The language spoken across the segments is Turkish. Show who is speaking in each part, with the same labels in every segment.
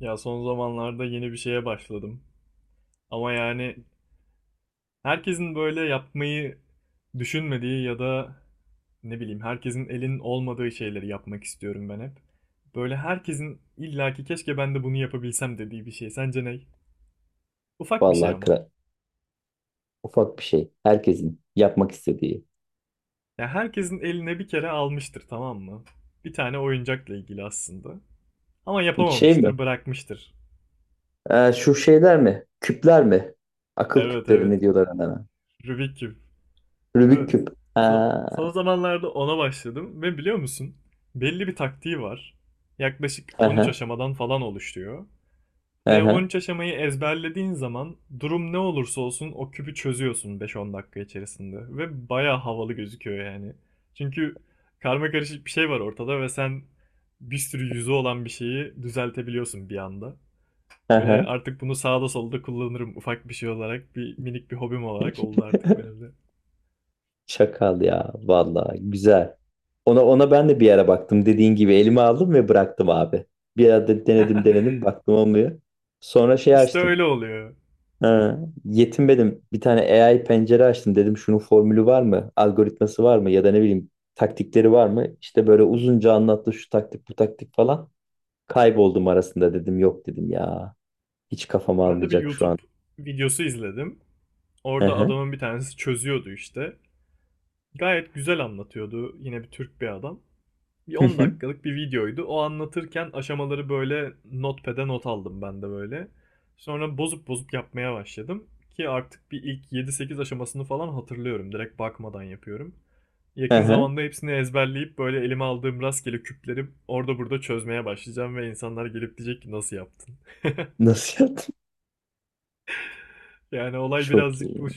Speaker 1: Ya son zamanlarda yeni bir şeye başladım. Ama yani herkesin böyle yapmayı düşünmediği ya da ne bileyim herkesin elinin olmadığı şeyleri yapmak istiyorum ben hep. Böyle herkesin illaki keşke ben de bunu yapabilsem dediği bir şey. Sence ne? Ufak bir şey
Speaker 2: Vallahi
Speaker 1: ama.
Speaker 2: ufak bir şey. Herkesin yapmak istediği.
Speaker 1: Ya herkesin eline bir kere almıştır, tamam mı? Bir tane oyuncakla ilgili aslında. Ama
Speaker 2: Şey mi?
Speaker 1: yapamamıştır, bırakmıştır.
Speaker 2: Şu şeyler mi? Küpler mi? Akıl
Speaker 1: Evet,
Speaker 2: küpleri
Speaker 1: evet.
Speaker 2: ne diyorlar onlara?
Speaker 1: Rubik.
Speaker 2: Rubik
Speaker 1: Evet.
Speaker 2: küp.
Speaker 1: So-
Speaker 2: Ha.
Speaker 1: son zamanlarda ona başladım ve biliyor musun? Belli bir taktiği var. Yaklaşık 13
Speaker 2: aha,
Speaker 1: aşamadan falan oluşuyor. Ve on
Speaker 2: aha.
Speaker 1: üç aşamayı ezberlediğin zaman durum ne olursa olsun o küpü çözüyorsun beş on dakika içerisinde. Ve baya havalı gözüküyor yani. Çünkü karma karışık bir şey var ortada ve sen bir sürü yüzü olan bir şeyi düzeltebiliyorsun bir anda.
Speaker 2: Hı
Speaker 1: Böyle
Speaker 2: hı.
Speaker 1: artık bunu sağda solda kullanırım ufak bir şey olarak. Bir minik bir hobim olarak oldu artık benim de.
Speaker 2: Ya. Vallahi güzel. Ona ben de bir ara baktım. Dediğin gibi elime aldım ve bıraktım abi. Bir ara de- denedim denedim baktım olmuyor. Sonra şey
Speaker 1: İşte
Speaker 2: açtım.
Speaker 1: öyle oluyor.
Speaker 2: Ha, yetinmedim. Bir tane AI pencere açtım. Dedim şunun formülü var mı? Algoritması var mı? Ya da ne bileyim taktikleri var mı? İşte böyle uzunca anlattı şu taktik bu taktik falan. Kayboldum arasında dedim yok dedim ya. Hiç kafam
Speaker 1: Ben de bir
Speaker 2: almayacak şu an.
Speaker 1: YouTube videosu izledim.
Speaker 2: Hı
Speaker 1: Orada
Speaker 2: hı.
Speaker 1: adamın bir tanesi çözüyordu işte. Gayet güzel anlatıyordu. Yine bir Türk bir adam. Bir
Speaker 2: Hı
Speaker 1: 10
Speaker 2: hı.
Speaker 1: dakikalık bir videoydu. O anlatırken aşamaları böyle notepad'e not aldım ben de böyle. Sonra bozup bozup yapmaya başladım. Ki artık bir ilk yedi sekiz aşamasını falan hatırlıyorum. Direkt bakmadan yapıyorum.
Speaker 2: Hı
Speaker 1: Yakın
Speaker 2: hı.
Speaker 1: zamanda hepsini ezberleyip böyle elime aldığım rastgele küpleri orada burada çözmeye başlayacağım ve insanlar gelip diyecek ki nasıl yaptın?
Speaker 2: Nasıl yaptın?
Speaker 1: Yani olay
Speaker 2: Çok
Speaker 1: birazcık
Speaker 2: iyi.
Speaker 1: bu.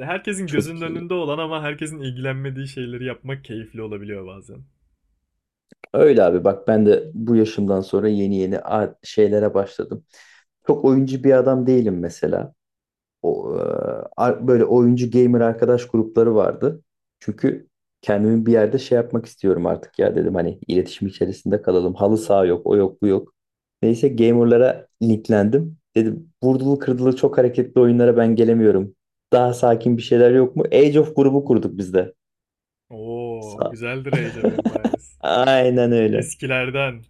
Speaker 1: Herkesin gözünün
Speaker 2: Çok iyi.
Speaker 1: önünde olan ama herkesin ilgilenmediği şeyleri yapmak keyifli olabiliyor bazen.
Speaker 2: Öyle abi bak ben de bu yaşımdan sonra yeni yeni şeylere başladım. Çok oyuncu bir adam değilim mesela. o, e, böyle oyuncu gamer arkadaş grupları vardı. Çünkü kendimi bir yerde şey yapmak istiyorum artık ya dedim hani iletişim içerisinde kalalım. Halı saha yok, o yok, bu yok. Neyse gamerlara linklendim. Dedim vurdulu kırdılı çok hareketli oyunlara ben gelemiyorum. Daha sakin bir şeyler yok mu? Age of grubu kurduk biz de.
Speaker 1: Oo,
Speaker 2: Sa-
Speaker 1: güzeldir Age of Empires.
Speaker 2: Aynen öyle.
Speaker 1: Eskilerden.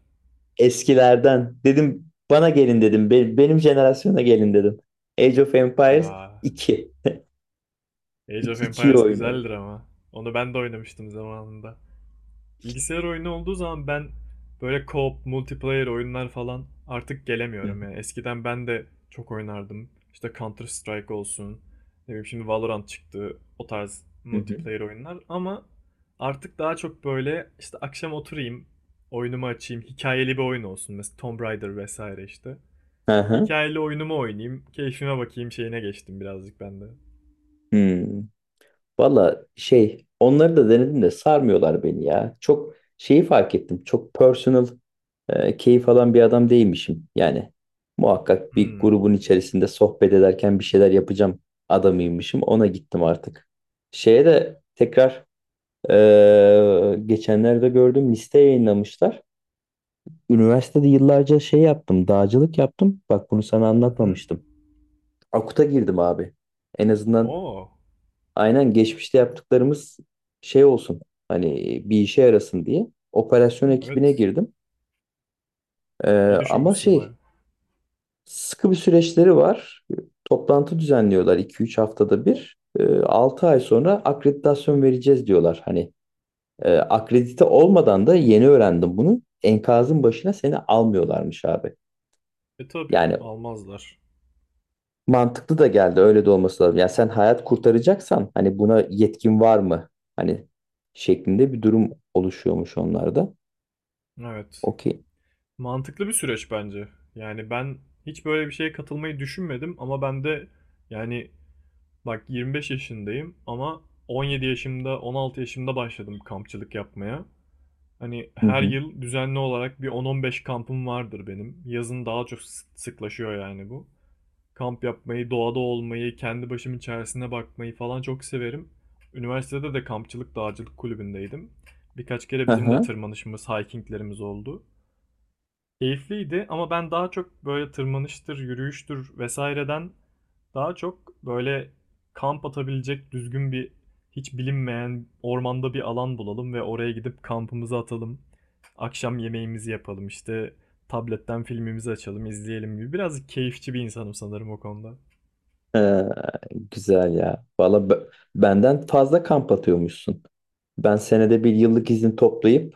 Speaker 2: Eskilerden dedim bana gelin dedim. Benim jenerasyona gelin dedim. Age of Empires
Speaker 1: Ya,
Speaker 2: 2
Speaker 1: Age of
Speaker 2: 2'yi
Speaker 1: Empires
Speaker 2: oynuyorum.
Speaker 1: güzeldir ama. Onu ben de oynamıştım zamanında. Bilgisayar oyunu olduğu zaman ben böyle co-op, multiplayer oyunlar falan artık
Speaker 2: Hı
Speaker 1: gelemiyorum
Speaker 2: hı.
Speaker 1: yani. Eskiden ben de çok oynardım. İşte Counter Strike olsun. Ne bileyim şimdi Valorant çıktı. O tarz
Speaker 2: Hı hı.
Speaker 1: multiplayer oyunlar ama artık daha çok böyle işte akşam oturayım, oyunumu açayım, hikayeli bir oyun olsun. Mesela Tomb Raider vesaire işte.
Speaker 2: Hı hı.
Speaker 1: Hikayeli oyunumu oynayayım, keyfime bakayım şeyine geçtim birazcık ben de.
Speaker 2: Hmm. Valla şey onları da denedim de sarmıyorlar beni ya. Çok şeyi fark ettim. Çok personal keyif alan bir adam değilmişim. Yani muhakkak bir
Speaker 1: Hmm.
Speaker 2: grubun içerisinde sohbet ederken bir şeyler yapacağım adamıymışım. Ona gittim artık. Şeye de tekrar geçenlerde gördüm liste yayınlamışlar. Üniversitede yıllarca şey yaptım, dağcılık yaptım. Bak bunu sana
Speaker 1: Hı hı.
Speaker 2: anlatmamıştım. Akut'a girdim abi. En azından
Speaker 1: Oo.
Speaker 2: aynen geçmişte yaptıklarımız şey olsun hani bir işe yarasın diye operasyon
Speaker 1: Evet.
Speaker 2: ekibine girdim. Ee,
Speaker 1: İyi
Speaker 2: ama
Speaker 1: düşünmüşsün
Speaker 2: şey
Speaker 1: baya.
Speaker 2: sıkı bir süreçleri var. Toplantı düzenliyorlar 2-3 haftada bir. Altı ay sonra akreditasyon vereceğiz diyorlar. Hani akredite olmadan da yeni öğrendim bunu. Enkazın başına seni almıyorlarmış abi.
Speaker 1: E tabii
Speaker 2: Yani
Speaker 1: almazlar.
Speaker 2: mantıklı da geldi. Öyle de olması lazım. Yani sen hayat kurtaracaksan hani buna yetkin var mı? Hani şeklinde bir durum oluşuyormuş onlarda.
Speaker 1: Evet.
Speaker 2: Okey.
Speaker 1: Mantıklı bir süreç bence. Yani ben hiç böyle bir şeye katılmayı düşünmedim ama ben de, yani, bak 25 yaşındayım ama 17 yaşımda, 16 yaşımda başladım kampçılık yapmaya. Hani
Speaker 2: Hı
Speaker 1: her
Speaker 2: hı.
Speaker 1: yıl düzenli olarak bir 10-15 kampım vardır benim. Yazın daha çok sıklaşıyor yani bu. Kamp yapmayı, doğada olmayı, kendi başımın içerisine bakmayı falan çok severim. Üniversitede de kampçılık dağcılık kulübündeydim. Birkaç kere bizim de
Speaker 2: Aha.
Speaker 1: tırmanışımız, hikinglerimiz oldu. Keyifliydi ama ben daha çok böyle tırmanıştır, yürüyüştür vesaireden daha çok böyle kamp atabilecek düzgün bir hiç bilinmeyen ormanda bir alan bulalım ve oraya gidip kampımızı atalım. Akşam yemeğimizi yapalım, işte tabletten filmimizi açalım, izleyelim gibi. Biraz keyifçi bir insanım sanırım o konuda.
Speaker 2: Ee, güzel ya. Valla benden fazla kamp atıyormuşsun. Ben senede bir yıllık izin toplayıp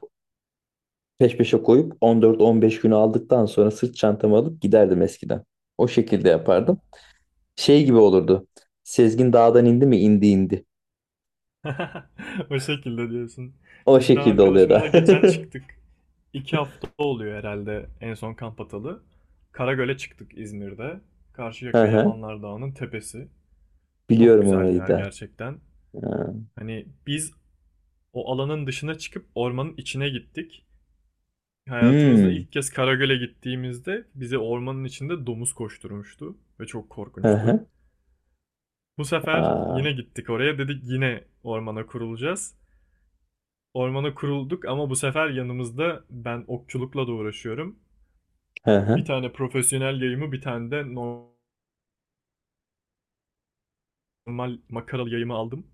Speaker 2: peş peşe koyup 14-15 günü aldıktan sonra sırt çantamı alıp giderdim eskiden. O şekilde
Speaker 1: Oo.
Speaker 2: yapardım. Şey gibi olurdu. Sezgin dağdan indi mi? İndi indi.
Speaker 1: O şekilde diyorsun.
Speaker 2: O
Speaker 1: Biz de
Speaker 2: şekilde oluyor
Speaker 1: arkadaşımla
Speaker 2: da.
Speaker 1: geçen çıktık. İki hafta oluyor herhalde en son kamp atalı. Karagöl'e çıktık İzmir'de.
Speaker 2: Hı
Speaker 1: Karşıyaka
Speaker 2: hı.
Speaker 1: Yamanlar Dağı'nın tepesi. Çok
Speaker 2: Biliyorum
Speaker 1: güzel bir
Speaker 2: orayı
Speaker 1: yer
Speaker 2: da.
Speaker 1: gerçekten.
Speaker 2: Ha.
Speaker 1: Hani biz o alanın dışına çıkıp ormanın içine gittik. Hayatımızda
Speaker 2: Hmm.
Speaker 1: ilk kez Karagöl'e gittiğimizde bizi ormanın içinde domuz koşturmuştu ve çok
Speaker 2: Hı
Speaker 1: korkunçtu.
Speaker 2: hı.
Speaker 1: Bu sefer
Speaker 2: Aa.
Speaker 1: yine gittik oraya, dedik yine ormana kurulacağız. Ormana kurulduk ama bu sefer yanımızda, ben okçulukla da uğraşıyorum.
Speaker 2: Hı
Speaker 1: Bir
Speaker 2: hı.
Speaker 1: tane profesyonel yayımı, bir tane de normal makaralı yayımı aldım.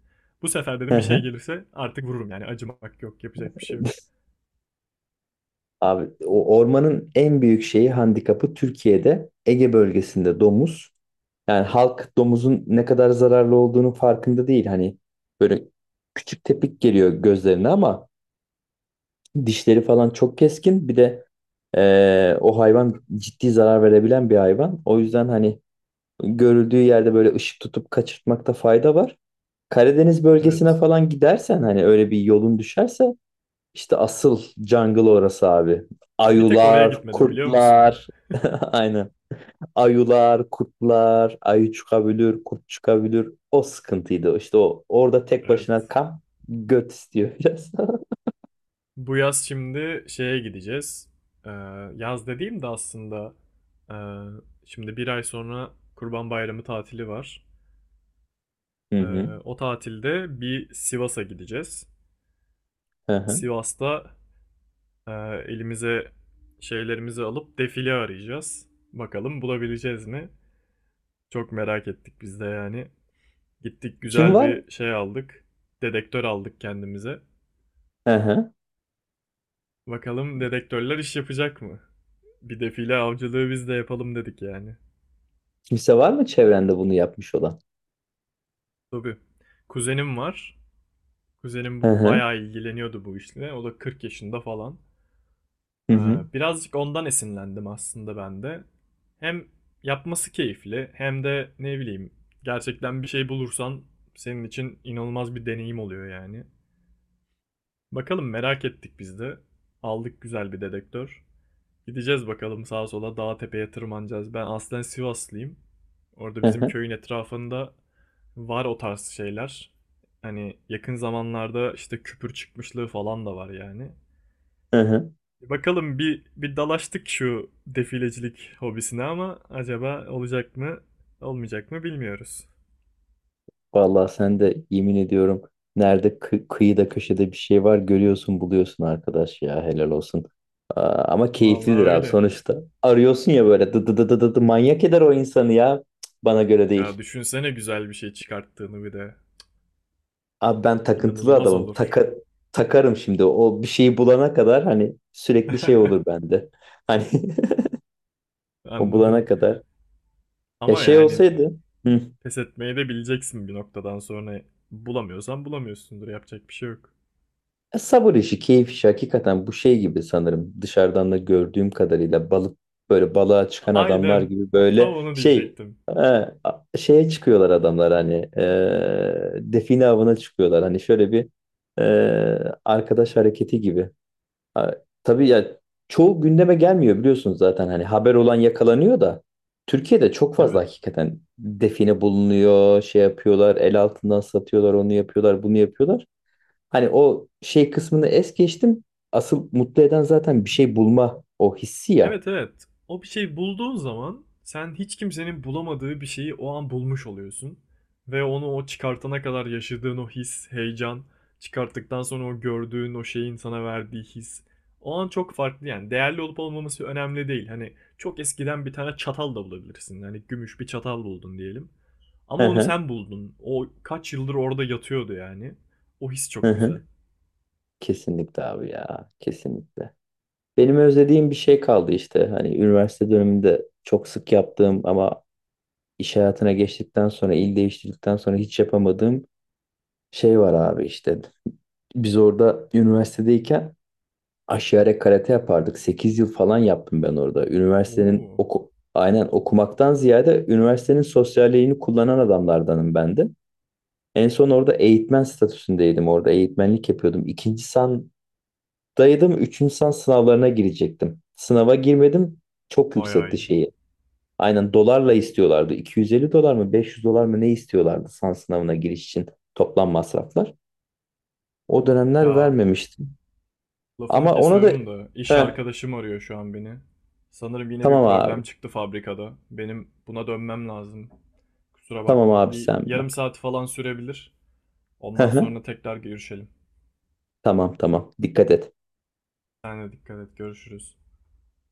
Speaker 1: Bu sefer
Speaker 2: Hı
Speaker 1: dedim bir şey
Speaker 2: hı.
Speaker 1: gelirse artık vururum yani, acımak yok, yapacak bir şey yok.
Speaker 2: Abi o ormanın en büyük şeyi handikapı Türkiye'de Ege bölgesinde domuz. Yani halk domuzun ne kadar zararlı olduğunu farkında değil. Hani böyle küçük tepik geliyor gözlerine ama dişleri falan çok keskin. Bir de o hayvan ciddi zarar verebilen bir hayvan. O yüzden hani görüldüğü yerde böyle ışık tutup kaçırtmakta fayda var. Karadeniz bölgesine
Speaker 1: Evet.
Speaker 2: falan gidersen hani öyle bir yolun düşerse işte asıl jungle orası abi.
Speaker 1: Bir tek oraya
Speaker 2: Ayular,
Speaker 1: gitmedim biliyor musun?
Speaker 2: kurtlar. Aynen. Ayular, kurtlar, ayı çıkabilir, kurt çıkabilir. O sıkıntıydı. İşte o orada tek başına
Speaker 1: Evet.
Speaker 2: kamp göt istiyor biraz.
Speaker 1: Bu yaz şimdi şeye gideceğiz. Ee, yaz dediğim de aslında, ee, şimdi bir ay sonra Kurban Bayramı tatili var.
Speaker 2: Hı
Speaker 1: Ee,
Speaker 2: hı.
Speaker 1: o tatilde bir Sivas'a gideceğiz.
Speaker 2: Hı hı.
Speaker 1: Sivas'ta, Ee, elimize şeylerimizi alıp defile arayacağız. Bakalım bulabileceğiz mi? Çok merak ettik biz de yani. Gittik
Speaker 2: Kim
Speaker 1: güzel
Speaker 2: var?
Speaker 1: bir şey aldık. Dedektör aldık kendimize.
Speaker 2: Hı hı.
Speaker 1: Bakalım dedektörler iş yapacak mı? Bir defile avcılığı biz de yapalım dedik yani.
Speaker 2: Kimse var mı çevrende bunu yapmış olan?
Speaker 1: Tabii. Kuzenim var. Kuzenim
Speaker 2: Hı hı.
Speaker 1: bayağı ilgileniyordu bu işle. O da 40 yaşında falan.
Speaker 2: Hı
Speaker 1: Aa,
Speaker 2: hı.
Speaker 1: birazcık ondan esinlendim aslında ben de. Hem yapması keyifli hem de ne bileyim gerçekten bir şey bulursan senin için inanılmaz bir deneyim oluyor yani. Bakalım, merak ettik biz de. Aldık güzel bir dedektör. Gideceğiz bakalım, sağa sola, dağa tepeye tırmanacağız. Ben aslen Sivaslıyım. Orada
Speaker 2: Hı
Speaker 1: bizim
Speaker 2: hı.
Speaker 1: köyün etrafında var o tarz şeyler. Hani yakın zamanlarda işte küpür çıkmışlığı falan da var yani.
Speaker 2: Hı hı.
Speaker 1: Bakalım, bir bir dalaştık şu defilecilik hobisine ama acaba olacak mı, olmayacak mı bilmiyoruz.
Speaker 2: Vallahi sen de yemin ediyorum nerede kıyıda köşede bir şey var görüyorsun buluyorsun arkadaş ya helal olsun. Aa, ama
Speaker 1: Vallahi
Speaker 2: keyiflidir abi
Speaker 1: öyle.
Speaker 2: sonuçta. Arıyorsun ya böyle dı dı dı dı dı dı, manyak eder o insanı ya. Cık, bana göre değil.
Speaker 1: Ya düşünsene güzel bir şey çıkarttığını bir de.
Speaker 2: Abi ben takıntılı
Speaker 1: İnanılmaz
Speaker 2: adamım.
Speaker 1: olur.
Speaker 2: Takarım şimdi o bir şeyi bulana kadar hani sürekli şey olur bende. Hani o
Speaker 1: Anladım.
Speaker 2: bulana kadar. Ya
Speaker 1: Ama
Speaker 2: şey
Speaker 1: yani
Speaker 2: olsaydı. Hı.
Speaker 1: pes etmeyi de bileceksin bir noktadan sonra. Bulamıyorsan bulamıyorsundur. Yapacak bir şey yok.
Speaker 2: Ya sabır işi, keyif işi hakikaten bu şey gibi sanırım. Dışarıdan da gördüğüm kadarıyla balık böyle balığa çıkan adamlar
Speaker 1: Aynen.
Speaker 2: gibi
Speaker 1: Tam
Speaker 2: böyle
Speaker 1: onu
Speaker 2: şey
Speaker 1: diyecektim.
Speaker 2: şeye çıkıyorlar adamlar hani define avına çıkıyorlar. Hani şöyle bir e, arkadaş hareketi gibi. A- tabii ya çoğu gündeme gelmiyor biliyorsunuz zaten hani haber olan yakalanıyor da Türkiye'de çok fazla
Speaker 1: Evet.
Speaker 2: hakikaten define bulunuyor, şey yapıyorlar, el altından satıyorlar, onu yapıyorlar, bunu yapıyorlar. Hani o şey kısmını es geçtim. Asıl mutlu eden zaten bir şey bulma o hissi ya.
Speaker 1: Evet, evet. O bir şey bulduğun zaman sen hiç kimsenin bulamadığı bir şeyi o an bulmuş oluyorsun. Ve onu o çıkartana kadar yaşadığın o his, heyecan, çıkarttıktan sonra o gördüğün o şeyin sana verdiği his. O an çok farklı yani. Değerli olup olmaması önemli değil. Hani çok eskiden bir tane çatal da bulabilirsin. Hani gümüş bir çatal buldun diyelim. Ama
Speaker 2: Hı
Speaker 1: onu
Speaker 2: hı,
Speaker 1: sen buldun. O kaç yıldır orada yatıyordu yani. O his
Speaker 2: hı
Speaker 1: çok güzel.
Speaker 2: hı. Kesinlikle abi ya. Kesinlikle. Benim özlediğim bir şey kaldı işte. Hani üniversite döneminde çok sık yaptığım ama iş hayatına geçtikten sonra, il değiştirdikten sonra hiç yapamadığım şey var abi işte. Biz orada üniversitedeyken Aşiyare karate yapardık. 8 yıl falan yaptım ben orada. Üniversitenin
Speaker 1: Oo.
Speaker 2: aynen okumaktan ziyade üniversitenin sosyalliğini kullanan adamlardanım ben de. En son orada eğitmen statüsündeydim. Orada eğitmenlik yapıyordum. İkinci sandaydım. Üçüncü san sınavlarına girecektim. Sınava girmedim. Çok
Speaker 1: Bayağı
Speaker 2: yüksekti
Speaker 1: iyi.
Speaker 2: şeyi. Aynen dolarla istiyorlardı. 250 dolar mı 500 dolar mı ne istiyorlardı san sınavına giriş için toplam masraflar. O
Speaker 1: Of
Speaker 2: dönemler
Speaker 1: ya,
Speaker 2: vermemiştim.
Speaker 1: lafını
Speaker 2: Ama ona da
Speaker 1: kesiyorum da iş
Speaker 2: Heh,
Speaker 1: arkadaşım arıyor şu an beni. Sanırım yine bir
Speaker 2: tamam abi.
Speaker 1: problem çıktı fabrikada. Benim buna dönmem lazım. Kusura
Speaker 2: Tamam
Speaker 1: bakma.
Speaker 2: abi
Speaker 1: Bir
Speaker 2: sen
Speaker 1: yarım
Speaker 2: bak.
Speaker 1: saat falan sürebilir.
Speaker 2: Hı
Speaker 1: Ondan
Speaker 2: hı.
Speaker 1: sonra tekrar görüşelim.
Speaker 2: Tamam tamam. Dikkat et.
Speaker 1: Sen de dikkat et. Görüşürüz.